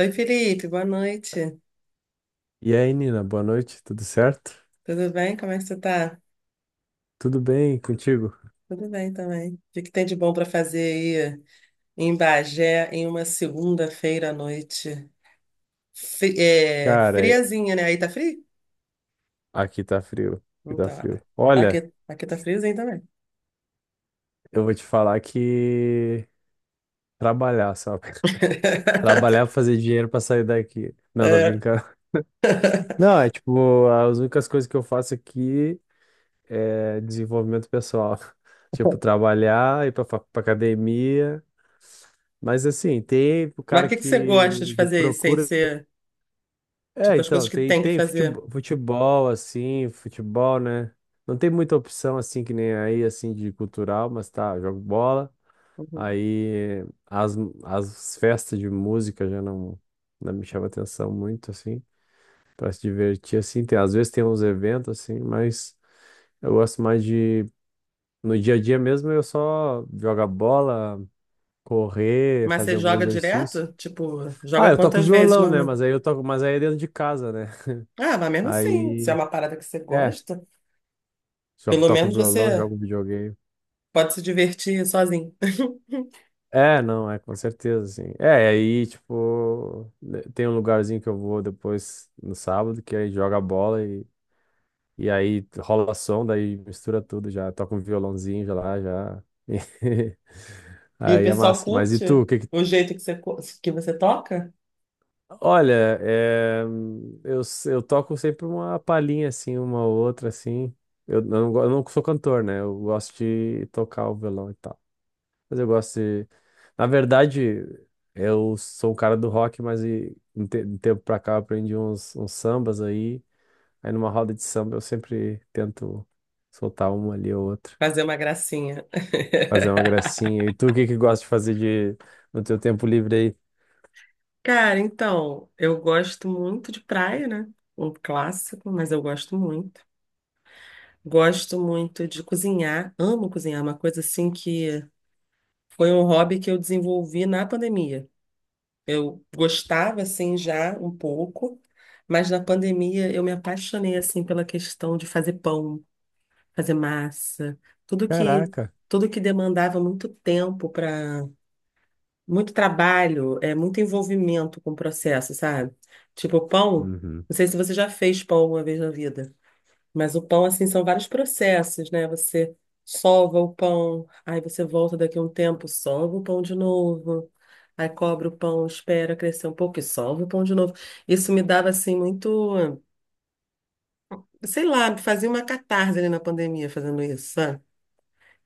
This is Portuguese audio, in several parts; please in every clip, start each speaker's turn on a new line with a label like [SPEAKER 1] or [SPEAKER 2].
[SPEAKER 1] Oi, Felipe, boa noite.
[SPEAKER 2] E aí, Nina, boa noite, tudo certo?
[SPEAKER 1] Tudo bem? Como é que você tá?
[SPEAKER 2] Tudo bem contigo?
[SPEAKER 1] Tudo bem também. O que que tem de bom para fazer aí em Bagé em uma segunda-feira à noite?
[SPEAKER 2] Cara, é-
[SPEAKER 1] Friazinha, né? Aí tá frio?
[SPEAKER 2] Aqui tá frio, aqui tá
[SPEAKER 1] Então,
[SPEAKER 2] frio. Olha,
[SPEAKER 1] aqui tá friozinho também.
[SPEAKER 2] eu vou te falar que trabalhar, sabe? Trabalhar pra fazer dinheiro pra sair daqui. Não, tô
[SPEAKER 1] É.
[SPEAKER 2] brincando. Não, é tipo, as únicas coisas que eu faço aqui é desenvolvimento pessoal. Tipo, trabalhar, pra academia. Mas assim, tem o
[SPEAKER 1] Mas o
[SPEAKER 2] cara
[SPEAKER 1] que que você gosta de
[SPEAKER 2] que, que
[SPEAKER 1] fazer aí, sem
[SPEAKER 2] procura.
[SPEAKER 1] ser,
[SPEAKER 2] É,
[SPEAKER 1] tipo, as
[SPEAKER 2] então,
[SPEAKER 1] coisas que
[SPEAKER 2] tem,
[SPEAKER 1] tem que
[SPEAKER 2] tem
[SPEAKER 1] fazer?
[SPEAKER 2] futebol, futebol, assim, futebol, né? Não tem muita opção, assim, que nem aí, assim, de cultural, mas tá, eu jogo bola.
[SPEAKER 1] Uhum.
[SPEAKER 2] Aí as, as festas de música já não, não me chama atenção muito, assim, pra se divertir, assim. Tem, às vezes tem uns eventos, assim, mas eu gosto mais de. No dia a dia mesmo, eu só jogar bola, correr,
[SPEAKER 1] Mas você
[SPEAKER 2] fazer algum
[SPEAKER 1] joga
[SPEAKER 2] exercício.
[SPEAKER 1] direto? Tipo,
[SPEAKER 2] Ah,
[SPEAKER 1] joga
[SPEAKER 2] eu toco
[SPEAKER 1] quantas vezes,
[SPEAKER 2] violão, né?
[SPEAKER 1] normal?
[SPEAKER 2] Mas aí eu toco, mas aí é dentro de casa, né?
[SPEAKER 1] Ah, mas mesmo assim, se é
[SPEAKER 2] Aí
[SPEAKER 1] uma parada que você
[SPEAKER 2] É,
[SPEAKER 1] gosta,
[SPEAKER 2] jogo,
[SPEAKER 1] pelo
[SPEAKER 2] toco
[SPEAKER 1] menos
[SPEAKER 2] violão,
[SPEAKER 1] você
[SPEAKER 2] jogo videogame.
[SPEAKER 1] pode se divertir sozinho.
[SPEAKER 2] É, não, é com certeza, assim. É, e aí, tipo, né, tem um lugarzinho que eu vou depois no sábado, que aí joga bola e aí rola som, daí mistura tudo já, toca um violãozinho já lá, já.
[SPEAKER 1] E o
[SPEAKER 2] Aí é
[SPEAKER 1] pessoal
[SPEAKER 2] massa. Mas e tu,
[SPEAKER 1] curte
[SPEAKER 2] o que que...
[SPEAKER 1] o jeito que que você toca?
[SPEAKER 2] Olha, é, eu toco sempre uma palhinha, assim, uma outra, assim. Eu não sou cantor, né? Eu gosto de tocar o violão e tal. Mas eu gosto de. Na verdade, eu sou o cara do rock, mas e, um tempo pra cá eu aprendi uns sambas aí. Aí numa roda de samba eu sempre tento soltar uma ali ou outra,
[SPEAKER 1] Fazer uma gracinha.
[SPEAKER 2] fazer uma gracinha. E tu, o que que gosta de fazer de no teu tempo livre aí?
[SPEAKER 1] Cara, então, eu gosto muito de praia, né? Um clássico, mas eu gosto muito. Gosto muito de cozinhar, amo cozinhar, uma coisa assim que foi um hobby que eu desenvolvi na pandemia. Eu gostava assim já um pouco, mas na pandemia eu me apaixonei assim pela questão de fazer pão, fazer massa, tudo que
[SPEAKER 2] Caraca.
[SPEAKER 1] tudo que demandava muito tempo, para muito trabalho, é muito envolvimento com o processo, sabe? Tipo o pão,
[SPEAKER 2] Uhum.
[SPEAKER 1] não sei se você já fez pão uma vez na vida, mas o pão assim são vários processos, né? Você sova o pão, aí você volta daqui a um tempo, sova o pão de novo. Aí cobre o pão, espera crescer um pouco e sova o pão de novo. Isso me dava assim muito, sei lá, fazia uma catarse ali na pandemia fazendo isso, sabe?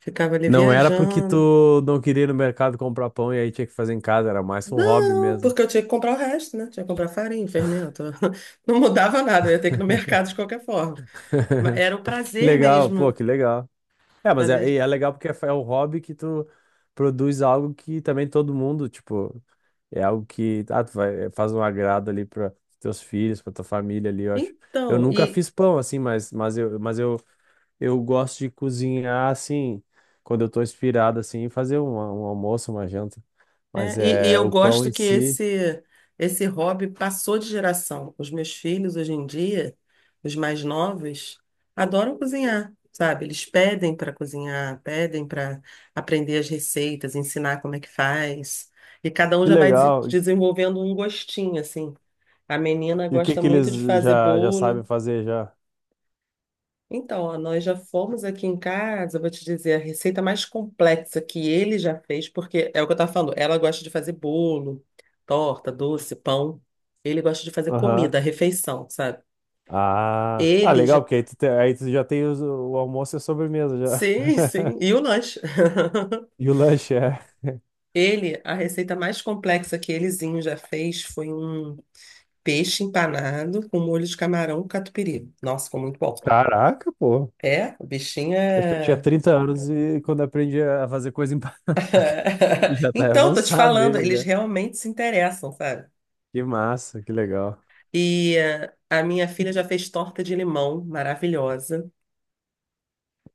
[SPEAKER 1] Ficava ali
[SPEAKER 2] Não era porque
[SPEAKER 1] viajando.
[SPEAKER 2] tu não queria ir no mercado comprar pão e aí tinha que fazer em casa, era mais um hobby
[SPEAKER 1] Não,
[SPEAKER 2] mesmo.
[SPEAKER 1] porque eu tinha que comprar o resto, né? Tinha que comprar farinha, fermento. Não mudava nada, eu ia ter que ir no mercado de qualquer forma. Mas era o
[SPEAKER 2] Que
[SPEAKER 1] prazer
[SPEAKER 2] legal, pô,
[SPEAKER 1] mesmo.
[SPEAKER 2] que legal. É, mas é,
[SPEAKER 1] Prazer.
[SPEAKER 2] e é legal porque é o hobby que tu produz algo que também todo mundo, tipo, é algo que ah, tu vai, faz um agrado ali para teus filhos, para tua família ali, eu acho. Eu
[SPEAKER 1] Então,
[SPEAKER 2] nunca
[SPEAKER 1] e
[SPEAKER 2] fiz pão assim, mas eu gosto de cozinhar assim, quando eu tô inspirado assim, e fazer um almoço, uma janta.
[SPEAKER 1] é,
[SPEAKER 2] Mas
[SPEAKER 1] e
[SPEAKER 2] é
[SPEAKER 1] eu
[SPEAKER 2] o pão
[SPEAKER 1] gosto
[SPEAKER 2] em
[SPEAKER 1] que
[SPEAKER 2] si,
[SPEAKER 1] esse hobby passou de geração. Os meus filhos hoje em dia, os mais novos, adoram cozinhar, sabe? Eles pedem para cozinhar, pedem para aprender as receitas, ensinar como é que faz. E cada um
[SPEAKER 2] que
[SPEAKER 1] já vai
[SPEAKER 2] legal.
[SPEAKER 1] desenvolvendo um gostinho, assim. A menina
[SPEAKER 2] E o que
[SPEAKER 1] gosta
[SPEAKER 2] que
[SPEAKER 1] muito de
[SPEAKER 2] eles
[SPEAKER 1] fazer
[SPEAKER 2] já já
[SPEAKER 1] bolo.
[SPEAKER 2] sabem fazer já?
[SPEAKER 1] Então, ó, nós já fomos aqui em casa, eu vou te dizer, a receita mais complexa que ele já fez, porque é o que eu estava falando, ela gosta de fazer bolo, torta, doce, pão. Ele gosta de fazer
[SPEAKER 2] Aham.
[SPEAKER 1] comida, refeição, sabe?
[SPEAKER 2] Ah, ah,
[SPEAKER 1] Ele já...
[SPEAKER 2] legal, porque aí tu já tem o almoço e a sobremesa já.
[SPEAKER 1] Sim, sim, e o lanche.
[SPEAKER 2] E o lanche é.
[SPEAKER 1] Ele, a receita mais complexa que elezinho já fez foi um peixe empanado com molho de camarão catupiry. Nossa, ficou muito bom.
[SPEAKER 2] Caraca, pô.
[SPEAKER 1] É, o bichinho
[SPEAKER 2] Acho que eu tinha
[SPEAKER 1] é...
[SPEAKER 2] 30 anos e quando aprendi a fazer coisa empanada, já tá
[SPEAKER 1] Então, tô te
[SPEAKER 2] avançado
[SPEAKER 1] falando,
[SPEAKER 2] ele
[SPEAKER 1] eles
[SPEAKER 2] já.
[SPEAKER 1] realmente se interessam, sabe?
[SPEAKER 2] Que massa, que legal.
[SPEAKER 1] E a minha filha já fez torta de limão, maravilhosa.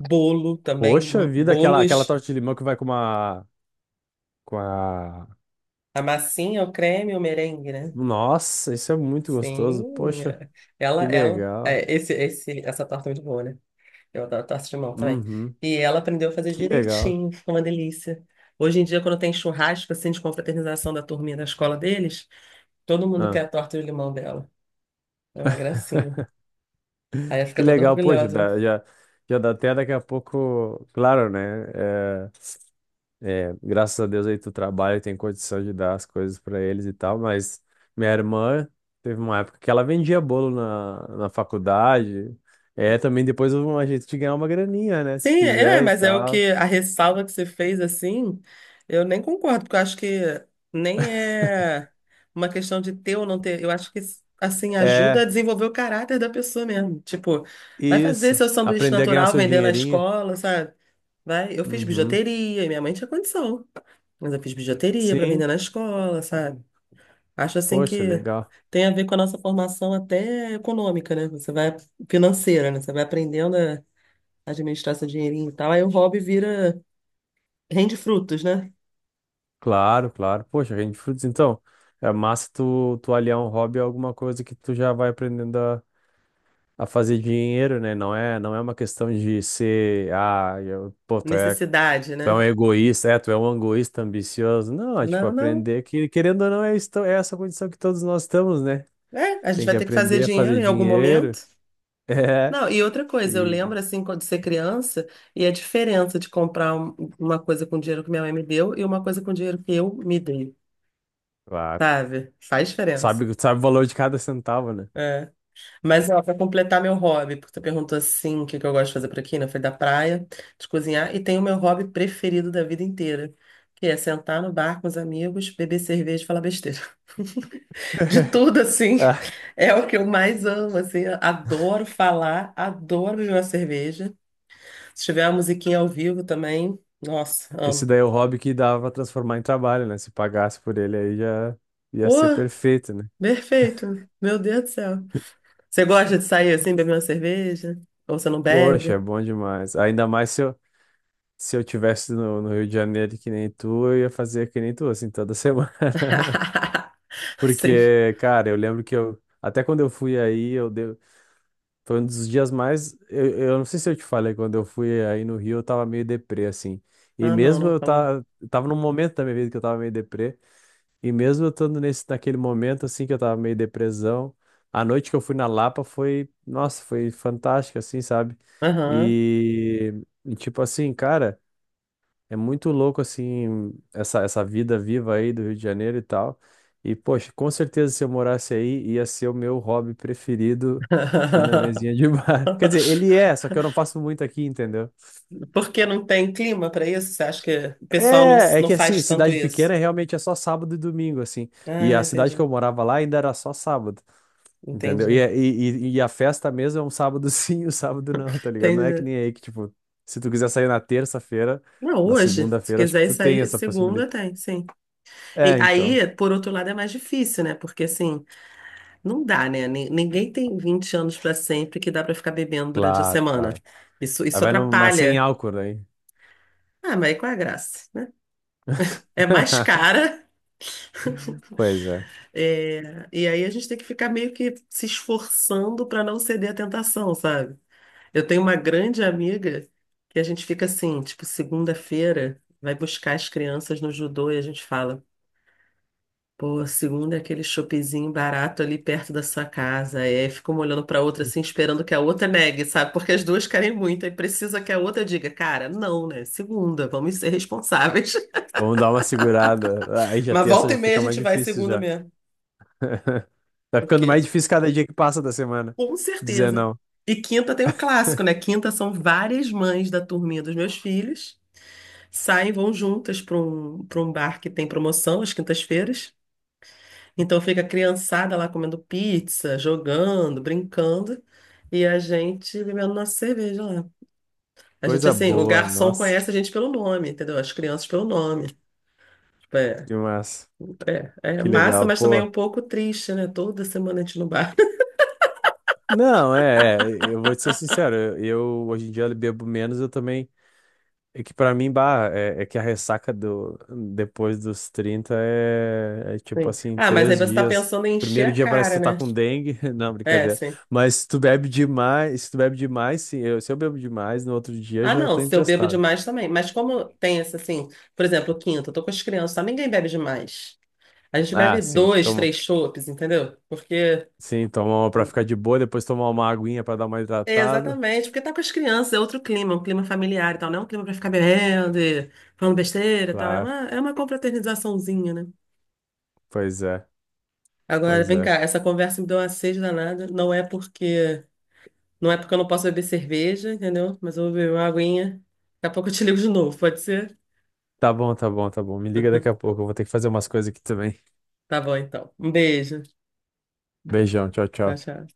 [SPEAKER 1] Bolo também,
[SPEAKER 2] Poxa vida, aquela
[SPEAKER 1] bolos,
[SPEAKER 2] torta de limão que vai com uma, com a...
[SPEAKER 1] a massinha, o creme, o merengue, né?
[SPEAKER 2] Nossa, isso é muito gostoso.
[SPEAKER 1] Sim,
[SPEAKER 2] Poxa,
[SPEAKER 1] eh, ela,
[SPEAKER 2] que
[SPEAKER 1] ela,
[SPEAKER 2] legal.
[SPEAKER 1] eh, esse, essa torta é muito boa, né? Eu adoro torta de limão também.
[SPEAKER 2] Uhum,
[SPEAKER 1] E ela aprendeu a fazer
[SPEAKER 2] que legal.
[SPEAKER 1] direitinho, ficou uma delícia. Hoje em dia, quando tem churrasco, assim, de confraternização da turminha da escola deles, todo mundo quer
[SPEAKER 2] Ah,
[SPEAKER 1] a torta de limão dela. É uma gracinha. Aí ela
[SPEAKER 2] que
[SPEAKER 1] fica toda
[SPEAKER 2] legal, poxa,
[SPEAKER 1] orgulhosa, né?
[SPEAKER 2] já dá até daqui a pouco, claro, né? é, É, graças a Deus aí tu trabalha e tem condição de dar as coisas pra eles e tal, mas minha irmã teve uma época que ela vendia bolo na faculdade. É, também depois houve um jeito de ganhar uma graninha, né? Se
[SPEAKER 1] Sim, é, é,
[SPEAKER 2] quiser e
[SPEAKER 1] mas é o
[SPEAKER 2] tal.
[SPEAKER 1] que a ressalva que você fez assim, eu nem concordo, porque eu acho que nem é uma questão de ter ou não ter. Eu acho que assim ajuda a
[SPEAKER 2] É,
[SPEAKER 1] desenvolver o caráter da pessoa mesmo. Tipo, vai fazer
[SPEAKER 2] isso.
[SPEAKER 1] seu sanduíche
[SPEAKER 2] Aprender a ganhar o
[SPEAKER 1] natural
[SPEAKER 2] seu
[SPEAKER 1] vendendo na
[SPEAKER 2] dinheirinho.
[SPEAKER 1] escola, sabe? Vai, eu fiz
[SPEAKER 2] Uhum.
[SPEAKER 1] bijuteria e minha mãe tinha condição, mas eu fiz bijuteria para vender
[SPEAKER 2] Sim.
[SPEAKER 1] na escola, sabe? Acho assim
[SPEAKER 2] Poxa,
[SPEAKER 1] que
[SPEAKER 2] legal.
[SPEAKER 1] tem a ver com a nossa formação até econômica, né? Você vai, financeira, né? Você vai aprendendo administrar seu dinheirinho e tal. Aí o hobby vira, rende frutos, né?
[SPEAKER 2] Claro, claro. Poxa, rende frutos. Então, é massa tu, tu aliar um hobby a alguma coisa que tu já vai aprendendo a fazer dinheiro, né? Não é uma questão de ser, ah, eu, pô,
[SPEAKER 1] Necessidade,
[SPEAKER 2] tu é um
[SPEAKER 1] né?
[SPEAKER 2] egoísta, é, tu é um egoísta ambicioso. Não, é tipo,
[SPEAKER 1] Não, não.
[SPEAKER 2] aprender que, querendo ou não, é, é essa condição que todos nós estamos, né?
[SPEAKER 1] É, a gente
[SPEAKER 2] Tem que
[SPEAKER 1] vai ter que fazer
[SPEAKER 2] aprender a
[SPEAKER 1] dinheiro
[SPEAKER 2] fazer
[SPEAKER 1] em algum
[SPEAKER 2] dinheiro.
[SPEAKER 1] momento.
[SPEAKER 2] É,
[SPEAKER 1] Não, e outra coisa, eu
[SPEAKER 2] e,
[SPEAKER 1] lembro assim, quando ser criança, e a diferença de comprar uma coisa com dinheiro que minha mãe me deu e uma coisa com dinheiro que eu me dei,
[SPEAKER 2] claro,
[SPEAKER 1] sabe? Faz diferença.
[SPEAKER 2] sabe, sabe o valor de cada centavo, né?
[SPEAKER 1] Mas, ó, pra completar meu hobby, porque tu perguntou assim, o que que eu gosto de fazer por aqui, né? Foi da praia, de cozinhar, e tem o meu hobby preferido da vida inteira, que é sentar no bar com os amigos, beber cerveja e falar besteira. De tudo, assim,
[SPEAKER 2] Ah,
[SPEAKER 1] é o que eu mais amo, assim, adoro falar, adoro beber uma cerveja. Se tiver uma musiquinha ao vivo também, nossa,
[SPEAKER 2] esse
[SPEAKER 1] amo.
[SPEAKER 2] daí é o hobby que dava pra transformar em trabalho, né? Se pagasse por ele aí já ia
[SPEAKER 1] Pô,
[SPEAKER 2] ser perfeito, né?
[SPEAKER 1] perfeito, meu Deus do céu. Você gosta de sair assim, beber uma cerveja? Ou você não
[SPEAKER 2] Poxa, é
[SPEAKER 1] bebe?
[SPEAKER 2] bom demais. Ainda mais se eu, se eu tivesse no, no Rio de Janeiro que nem tu, eu ia fazer que nem tu, assim, toda semana.
[SPEAKER 1] Sim.
[SPEAKER 2] Porque, cara, eu lembro que eu, até quando eu fui aí, eu deu, foi um dos dias mais, eu não sei se eu te falei, quando eu fui aí no Rio, eu tava meio deprê, assim. E
[SPEAKER 1] Ah, não,
[SPEAKER 2] mesmo
[SPEAKER 1] não
[SPEAKER 2] eu
[SPEAKER 1] falou.
[SPEAKER 2] tava, tava num momento da minha vida que eu tava meio deprê, e mesmo eu estando nesse, naquele momento, assim, que eu tava meio depressão, a noite que eu fui na Lapa foi, nossa, foi fantástica, assim, sabe?
[SPEAKER 1] Aham.
[SPEAKER 2] E, e tipo assim, cara. É muito louco, assim, essa vida viva aí do Rio de Janeiro e tal. E, poxa, com certeza se eu morasse aí, ia ser o meu hobby preferido ir na mesinha de bar. Quer dizer, ele é, só que eu não faço muito aqui, entendeu?
[SPEAKER 1] Porque não tem clima para isso? Você acha que o pessoal
[SPEAKER 2] É, é
[SPEAKER 1] não
[SPEAKER 2] que assim,
[SPEAKER 1] faz tanto
[SPEAKER 2] cidade
[SPEAKER 1] isso?
[SPEAKER 2] pequena é realmente é só sábado e domingo, assim. E
[SPEAKER 1] Ah,
[SPEAKER 2] a
[SPEAKER 1] entendi.
[SPEAKER 2] cidade que eu morava lá ainda era só sábado, entendeu? E,
[SPEAKER 1] Entendi.
[SPEAKER 2] e a festa mesmo é um sábado sim, um sábado não, tá ligado? Não é que
[SPEAKER 1] Entendi.
[SPEAKER 2] nem aí que, tipo, se tu quiser sair na terça-feira,
[SPEAKER 1] Não,
[SPEAKER 2] na
[SPEAKER 1] hoje, se
[SPEAKER 2] segunda-feira, acho que
[SPEAKER 1] quiser
[SPEAKER 2] tu tem
[SPEAKER 1] sair
[SPEAKER 2] essa
[SPEAKER 1] segunda,
[SPEAKER 2] possibilidade.
[SPEAKER 1] tem, sim. E
[SPEAKER 2] É, então.
[SPEAKER 1] aí, por outro lado, é mais difícil, né? Porque assim, não dá, né? Ninguém tem 20 anos pra sempre que dá pra ficar bebendo durante a
[SPEAKER 2] Claro,
[SPEAKER 1] semana.
[SPEAKER 2] claro.
[SPEAKER 1] Isso,
[SPEAKER 2] Aí
[SPEAKER 1] isso
[SPEAKER 2] vai numa sem
[SPEAKER 1] atrapalha.
[SPEAKER 2] álcool, né?
[SPEAKER 1] Ah, mas aí qual é a graça, né? É mais cara,
[SPEAKER 2] Pois é.
[SPEAKER 1] é, e aí a gente tem que ficar meio que se esforçando pra não ceder à tentação, sabe? Eu tenho uma grande amiga que a gente fica assim, tipo, segunda-feira vai buscar as crianças no judô e a gente fala. Pô, segunda é aquele shoppingzinho barato ali perto da sua casa. E aí fica uma olhando pra outra assim, esperando que a outra negue, sabe? Porque as duas querem muito. Aí precisa que a outra diga, cara, não, né? Segunda, vamos ser responsáveis.
[SPEAKER 2] Vamos dar uma segurada. Aí já
[SPEAKER 1] Mas
[SPEAKER 2] tem essa,
[SPEAKER 1] volta e
[SPEAKER 2] já
[SPEAKER 1] meia a
[SPEAKER 2] fica mais
[SPEAKER 1] gente vai
[SPEAKER 2] difícil
[SPEAKER 1] segunda
[SPEAKER 2] já.
[SPEAKER 1] mesmo.
[SPEAKER 2] Tá ficando mais
[SPEAKER 1] Porque,
[SPEAKER 2] difícil cada dia que passa da semana.
[SPEAKER 1] com
[SPEAKER 2] Dizer
[SPEAKER 1] certeza.
[SPEAKER 2] não.
[SPEAKER 1] E quinta tem um clássico, né? Quinta são várias mães da turminha dos meus filhos. Saem, vão juntas para um bar que tem promoção às quintas-feiras. Então fica a criançada lá comendo pizza, jogando, brincando, e a gente bebendo nossa cerveja lá. A gente,
[SPEAKER 2] Coisa
[SPEAKER 1] assim, o
[SPEAKER 2] boa,
[SPEAKER 1] garçom
[SPEAKER 2] nossa.
[SPEAKER 1] conhece a gente pelo nome, entendeu? As crianças pelo nome. Tipo, é,
[SPEAKER 2] Que massa.
[SPEAKER 1] é, é
[SPEAKER 2] Que
[SPEAKER 1] massa,
[SPEAKER 2] legal,
[SPEAKER 1] mas também é
[SPEAKER 2] pô.
[SPEAKER 1] um pouco triste, né? Toda semana a gente no bar.
[SPEAKER 2] Não, é, é, eu vou te ser sincero, eu hoje em dia bebo menos, eu também é que pra mim, bah, é, é que a ressaca do, depois dos 30 é, é tipo
[SPEAKER 1] Sim.
[SPEAKER 2] assim,
[SPEAKER 1] Ah, mas aí
[SPEAKER 2] três
[SPEAKER 1] você tá
[SPEAKER 2] dias.
[SPEAKER 1] pensando em encher
[SPEAKER 2] Primeiro
[SPEAKER 1] a
[SPEAKER 2] dia parece
[SPEAKER 1] cara,
[SPEAKER 2] que tu tá
[SPEAKER 1] né?
[SPEAKER 2] com dengue. Não,
[SPEAKER 1] É,
[SPEAKER 2] brincadeira.
[SPEAKER 1] sim.
[SPEAKER 2] Mas se tu bebe demais, se tu bebe demais, sim, eu, se eu bebo demais, no outro dia
[SPEAKER 1] Ah,
[SPEAKER 2] já
[SPEAKER 1] não,
[SPEAKER 2] tô
[SPEAKER 1] se eu bebo
[SPEAKER 2] emprestado.
[SPEAKER 1] demais também. Mas como tem esse, assim, por exemplo, quinta, eu tô com as crianças, tá? Ninguém bebe demais. A gente
[SPEAKER 2] Ah,
[SPEAKER 1] bebe
[SPEAKER 2] sim,
[SPEAKER 1] dois,
[SPEAKER 2] toma.
[SPEAKER 1] três chopes, entendeu? Porque...
[SPEAKER 2] Sim, tomar uma pra ficar de boa, depois tomar uma aguinha pra dar uma
[SPEAKER 1] É,
[SPEAKER 2] hidratada.
[SPEAKER 1] exatamente, porque tá com as crianças, é outro clima, um clima familiar e tal, não é um clima pra ficar bebendo e falando besteira e tal,
[SPEAKER 2] Claro,
[SPEAKER 1] é uma confraternizaçãozinha, né?
[SPEAKER 2] pois é,
[SPEAKER 1] Agora,
[SPEAKER 2] pois
[SPEAKER 1] vem cá,
[SPEAKER 2] é.
[SPEAKER 1] essa conversa me deu uma sede danada, não é porque eu não posso beber cerveja, entendeu? Mas eu vou beber uma aguinha, daqui a pouco eu te ligo de novo, pode ser?
[SPEAKER 2] Tá bom, tá bom, tá bom. Me liga daqui a pouco, eu vou ter que fazer umas coisas aqui também.
[SPEAKER 1] Tá bom, então. Um beijo.
[SPEAKER 2] Beijão, tchau,
[SPEAKER 1] Tchau,
[SPEAKER 2] tchau.
[SPEAKER 1] tchau.